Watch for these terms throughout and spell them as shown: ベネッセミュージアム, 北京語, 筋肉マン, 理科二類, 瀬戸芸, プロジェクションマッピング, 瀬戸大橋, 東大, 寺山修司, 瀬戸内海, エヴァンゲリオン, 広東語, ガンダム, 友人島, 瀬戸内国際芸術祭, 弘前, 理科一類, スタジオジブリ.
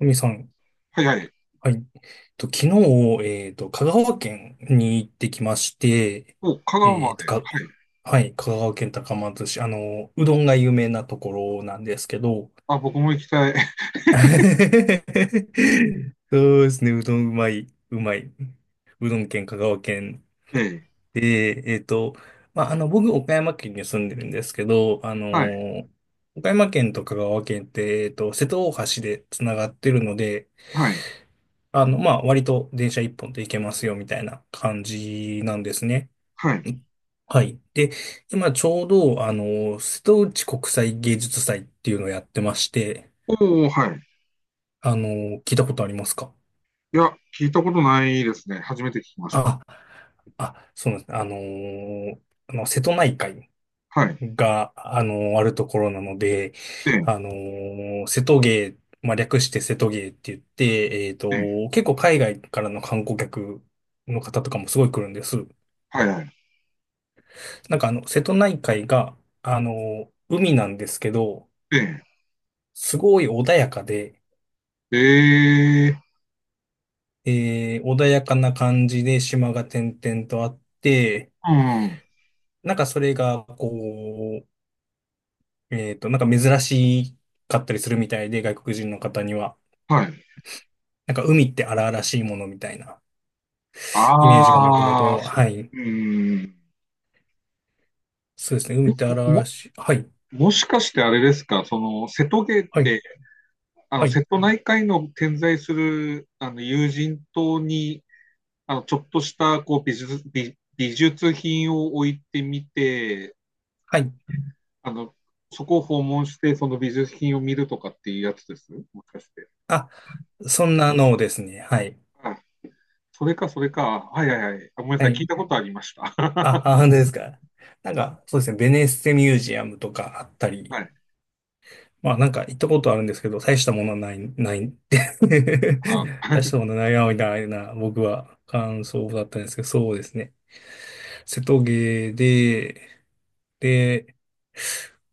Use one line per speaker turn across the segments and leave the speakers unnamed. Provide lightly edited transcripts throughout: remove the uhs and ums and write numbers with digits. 神さん、
はいはい。
はい。と、昨日、香川県に行ってきまして、
お、香川
え
ま
っ
で。
と、か、
はい。
はい、香川県高松市、うどんが有名なところなんですけど、
あ、僕も行きたい。
そうですね、うどんうまい、うまい。うどん県、香川県
ええ。
で、まあ、僕、岡山県に住んでるんですけど、
はい。
岡山県と香川県って、瀬戸大橋でつながってるので、
はい。
まあ、割と電車一本で行けますよ、みたいな感じなんですね。
はい。
はい。で、今ちょうど、瀬戸内国際芸術祭っていうのをやってまして、
おお、はい。
あの、聞いたことありますか？
いや、聞いたことないですね。初めて聞きました。
あ、あ、そうなんです。瀬戸内海
はい。
が、あるところなので、
ええ、
瀬戸芸、まあ、略して瀬戸芸って言って、
ええ、
結構海外からの観光客の方とかもすごい来るんです。
はいはい。
なんか瀬戸内海が、海なんですけど、
え
すごい穏やかで、
え、ええ、
穏やかな感じで島が点々とあって、
うん、
なんかそれが、こう、なんか珍しかったりするみたいで、外国人の方には。
はい。
なんか海って荒々しいものみたいなイメージがもとも
ああ、
と、
そ
はい。
うん。
そうですね。
あ
海
れ
って荒々
も、
しい。はい。
もしかしてあれですか？その、瀬戸芸っ
はい。
て、あ
は
の、
い。
瀬戸内海の点在する、あの、友人島にあの、ちょっとした、こう、美術、美、美術品を置いてみて、
はい。
あの、そこを訪問して、その美術品を見るとかっていうやつです。もしかして。
あ、そんなのをですね。はい。
あ、それか、それか。はいはいはい。あ、ごめんな
は
さい。聞
い。
いたことありました。
あ、あ、本当ですか。なんか、そうですね、ベネッセミュージアムとかあった
は
り、
い。
まあなんか行ったことあるんですけど、大したものはない、ないって
あ、
大し たものないな、みたいな、僕は感想だったんですけど、そうですね。瀬戸芸で、で、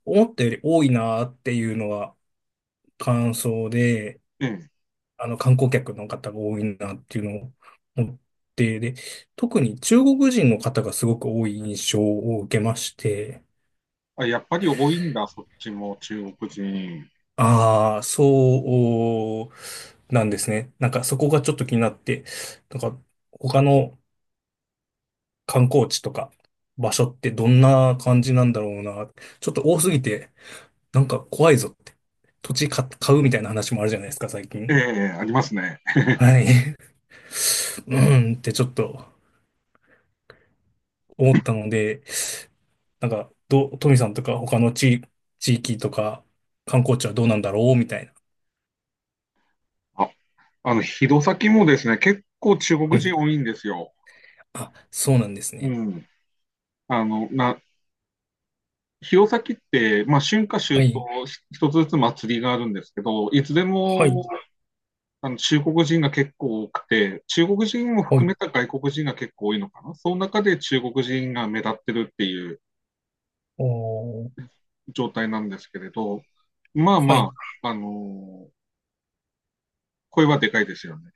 思ったより多いなっていうのは感想で、
ええ。
観光客の方が多いなっていうのを思って、で、特に中国人の方がすごく多い印象を受けまして、
あ、やっぱり多いんだ、そっちも、中国人。
ああ、そうなんですね。なんかそこがちょっと気になって、なんか他の観光地とか場所ってどんな感じなんだろうな。ちょっと多すぎて、なんか怖いぞって。土地買うみたいな話もあるじゃないですか、最
え
近。
え、ありますね。
はい。うんってちょっと思ったので、なんか、トミさんとか他の地域とか観光地はどうなんだろうみたいな。
あ、あの、弘前もですね、結構中
は
国
い。
人多いんですよ。
あ、そうなんです
う
ね。
ん。あの、な、弘前って、まあ、春夏
は
秋
い。
冬、し一つずつ祭りがあるんですけど、いつで
は
も
い。
あの中国人が結構多くて、中国人も
は
含
い。
めた外国人が結構多いのかな。その中で中国人が目立ってるっていう
おー、
状態なんですけれど、まあ
はい。
まあ、あの声はでかいですよね。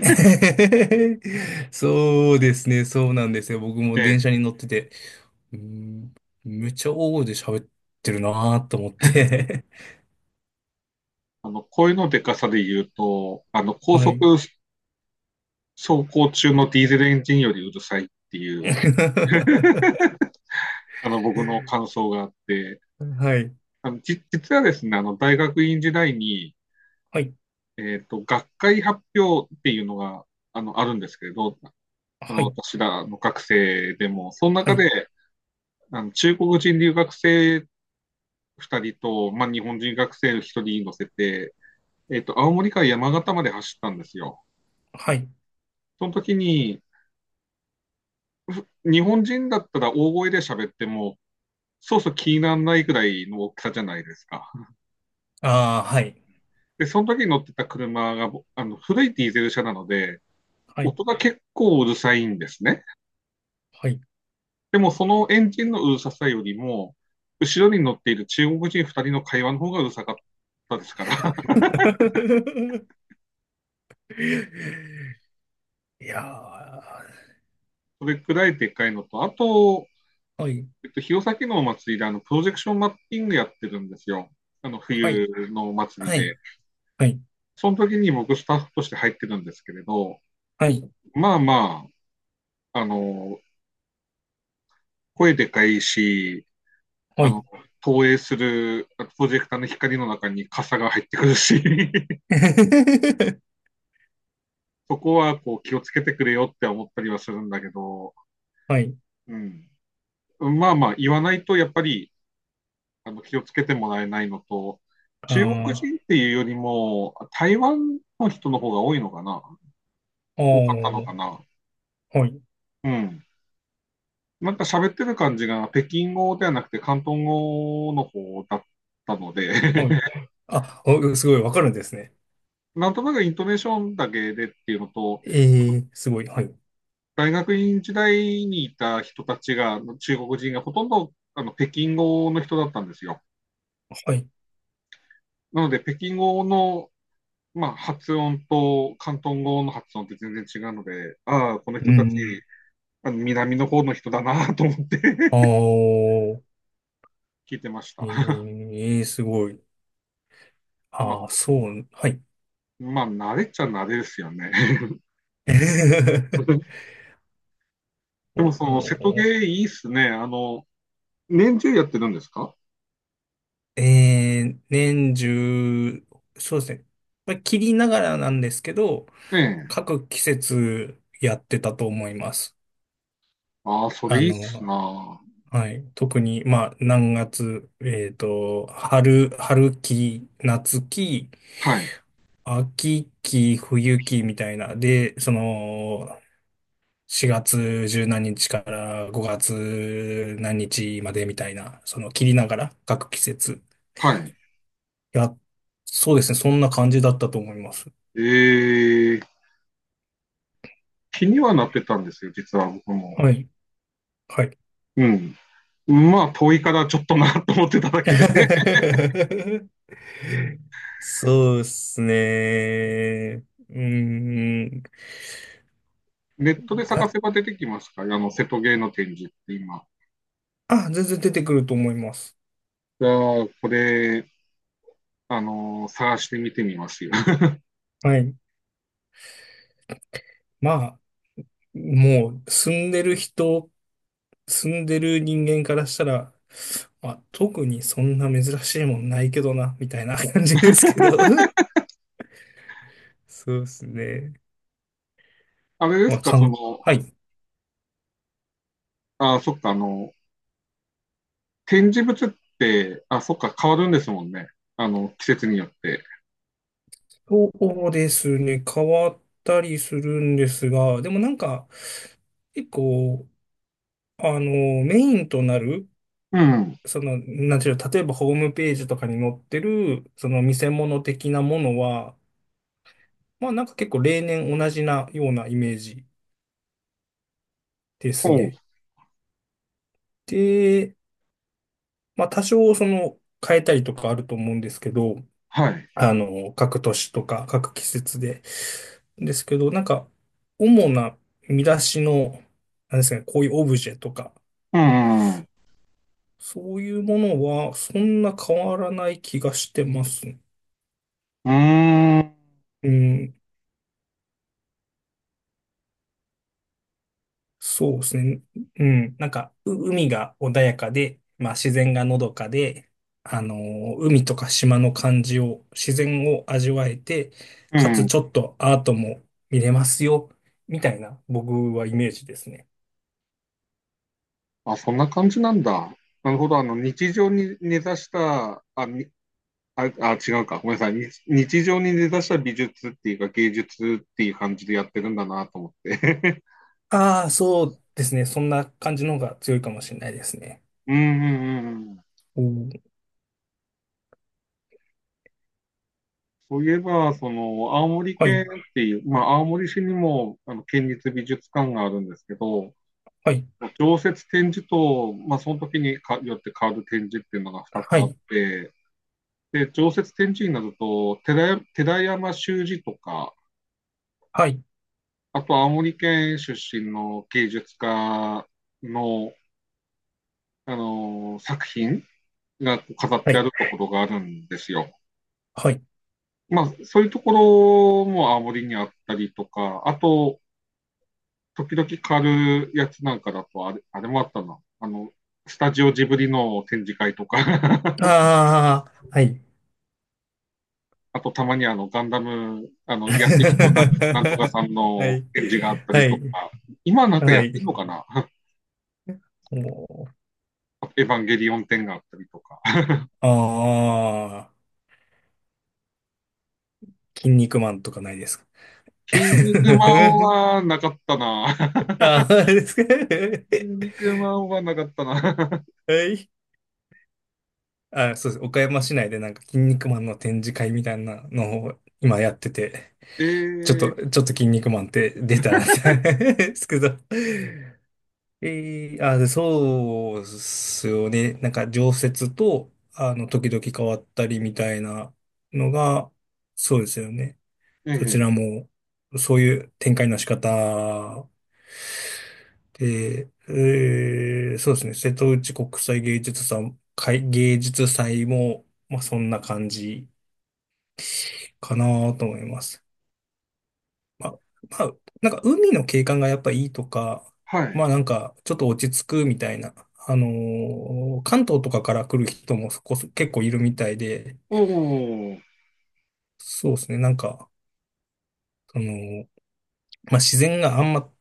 そうですね、そうなんですよ。僕も
え
電
え、
車に乗ってて、うーん、めっちゃ大声で喋ってるなーと思って。
あの声のでかさで言うと、あの 高
はい。
速走行中のディーゼルエンジンよりうるさいっていう、あの僕の感想があって、
はい。
あの、じ、実はですね、あの、大学院時代に、
はい。
学会発表っていうのが、あの、あるんですけれど、あ
は
の、
い。
私らの学生でも、その
は
中
い。
で、あの、中国人留学生2人と、まあ、日本人学生1人乗せて、青森から山形まで走ったんですよ。
はい。
その時に、ふ日本人だったら大声で喋っても、そうそう気にならないくらいの大きさじゃないですか。
ああ、はい。
で、その時に乗ってた車が、ぼあの、古いディーゼル車なので、
はい。
音が結構うるさいんですね。
はい。
でもそのエンジンのうるささよりも、後ろに乗っている中国人2人の会話の方がうるさかったですから、
いやー、
それくらいでっかいのと、あと、
はい。
弘前のお祭りであのプロジェクションマッピングやってるんですよ。あの
はい。
冬のお祭り
はい。
で。
はい。
その時に僕スタッフとして入ってるんですけれど、
はい。
まあまあ、あの、声でかいし、
は
あ
い。
の、投影するプロジェクターの光の中に傘が入ってくるし、そこはこう気をつけてくれよって思ったりはするんだけど、
はい。
うん、まあまあ言わないとやっぱりあの気をつけてもらえないのと、中国
ああ、
人っていうよりも台湾の人の方が多いのかな、
お
多かったのか
ー、
な。
はい。
うん。なんか喋ってる感じが北京語ではなくて広東語の方だったので
はい。あ、お、すごいわかるんですね。
なんとなくイントネーションだけでっていうのと、
ええ、すごい。はい。
大学院時代にいた人たちが、中国人がほとんどあの北京語の人だったんですよ。
はい。
なので、北京語の、まあ、発音と広東語の発音って全然違うので、ああ、この
う
人たち、
ん。
あの南の方の人だなと思って
あ ー、
聞いてました。
ええ、すごい。
ま
あー、
あ、
そう、はい。
まあ、慣れっちゃ慣れですよね。でも、その、瀬
お
戸芸いいっすね。あの、年中やってるんですか？
え年中、そうですね。まあ、切りながらなんですけど、
ええ。
各季節やってたと思います。
ああ、そ
あ
れいいっす
の、
な。
はい。特に、まあ、何月、春期、夏期、
はい。
秋期、冬期みたいな。で、その、4月十何日から5月何日までみたいな、その切りながら各季節。
はい。
いや、そうですね。そんな感じだったと思います。
ええ、気にはなってたんですよ、実は僕も。
はい。はい。
うん。まあ、遠いからちょっとなと思ってただけで、
そうですね。うーん。
ネットで探
だ、
せば出てきますか？あの、瀬戸芸の展示って今。
あ、全然出てくると思います。
じゃあ、これ、あの、探してみてみますよ。
はい。まあ、もう住んでる人間からしたら、まあ、特にそんな珍しいもんないけどな、みたいな感じですけど。そうですね。
あれで
ま
す
あ、
か、その、
はい。
あ、そっか、あの、展示物って、あ、そっか、変わるんですもんね。あの、季節によって。
そうですね。変わったりするんですが、でもなんか、結構、あの、メインとなる、
うん。
なんていうの、例えばホームページとかに載ってる、その見せ物的なものは、まあなんか結構例年同じなようなイメージで
お
す
う、
ね。でまあ、多少その変えたりとかあると思うんですけど、
はい。
各年とか各季節で。ですけど、なんか、主な見出しの、なんですかね、こういうオブジェとか、
うん、うん、
そういうものはそんな変わらない気がしてます。
うーん、
うん。そうですね。うん。なんか、海が穏やかで、まあ自然がのどかで、海とか島の感じを、自然を味わえて、
う
かつ
ん。
ちょっとアートも見れますよ、みたいな僕はイメージですね。
あ、そんな感じなんだ。なるほど。あの、日常に根ざした、あ、あ、あ、違うか。ごめんなさい。に日常に出だした美術っていうか芸術っていう感じでやってるんだなと思って。
ああ、そうですね。そんな感じの方が強いかもしれないですね。
うんうんうんうん。
おー、
そういえば、その、青森
は
県っ
い、
ていう、まあ、青森市にも、あの、県立美術館があるんですけど、
はい、
常設展示と、まあ、その時にかよって変わる展示っていうのが2つ
は
あっ
い、
て、で、常設展示になると、寺、寺山修司とか、
はい、
あと青森県出身の芸術家の、あの、作品が飾っ
は
てあ
い、
るところがあるんですよ。
はい。
まあ、そういうところも青森にあったりとか、あと、時々狩るやつなんかだと、あれ、あれもあったな。あの、スタジオジブリの展示会とか
ああ、はい。
あとたまにあのガンダム、あ の、安井子なんなんとか
は
さんの
い、
展示があった
は
りと
い、
か、今なんか
は
やってん
い。
のかな
おー、
エヴァンゲリオン展があったりとか。
ああ、筋肉マンとかないですか？
筋肉マ ンはなかったな。
ああ、ですか？
筋肉マンはなかったな。
はい。あ、そうです。岡山市内でなんか筋肉マンの展示会みたいなのを今やってて、
え
ちょ
ー、
っと筋肉マンって出たんですけど。あ、でそうっすよね。なんか常設と、時々変わったりみたいなのが、そうですよね。
え
そち
ー、
らも、そういう展開の仕方で、そうですね、瀬戸内国際芸術祭、会芸術祭も、まあそんな感じかなと思います。まあ、まあ、なんか海の景観がやっぱいいとか、
は
まあ
い。
なんかちょっと落ち着くみたいな、関東とかから来る人もそこそ結構いるみたいで、
おお、
そうですね、なんか、その、まあ自然があんま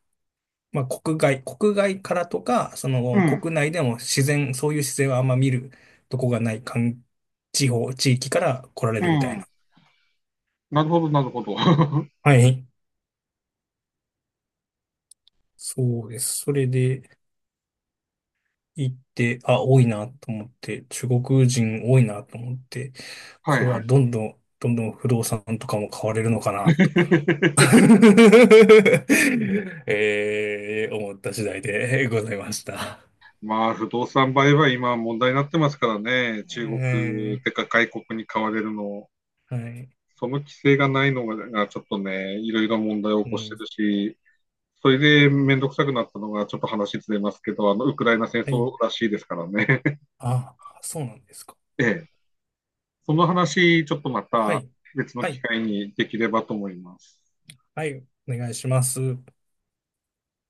国外、国外からとか、そ
う
の
ん、
国内でも自然、そういう自然はあんま見るとこがない地域から来られ
う
るみたい
ん。
な。
なるほど、なるほど。は
はい。そうです。それで行って、あ、多いなと思って、中国人多いなと思って、
い
これ
は
は
い。
どんどん、どんどん不動産とかも買われるのかなと 思った次第でございました。
まあ、不動産売買、今問題になってますからね、
え
中国て
ー
か外国に買われるの、
はい。
その規制がないのがちょっとね、いろいろ問題を
う
起こして
ん。
るし、それで面倒くさくなったのが、ちょっと話ずれますけど、あのウクライナ戦
は
争
い。
らしいですからね。
あ、そうなんですか。
え
お、
え、その話、ちょっとま
は
た
い。
別の
は
機
い。
会にできればと思います。
はい。お願いします。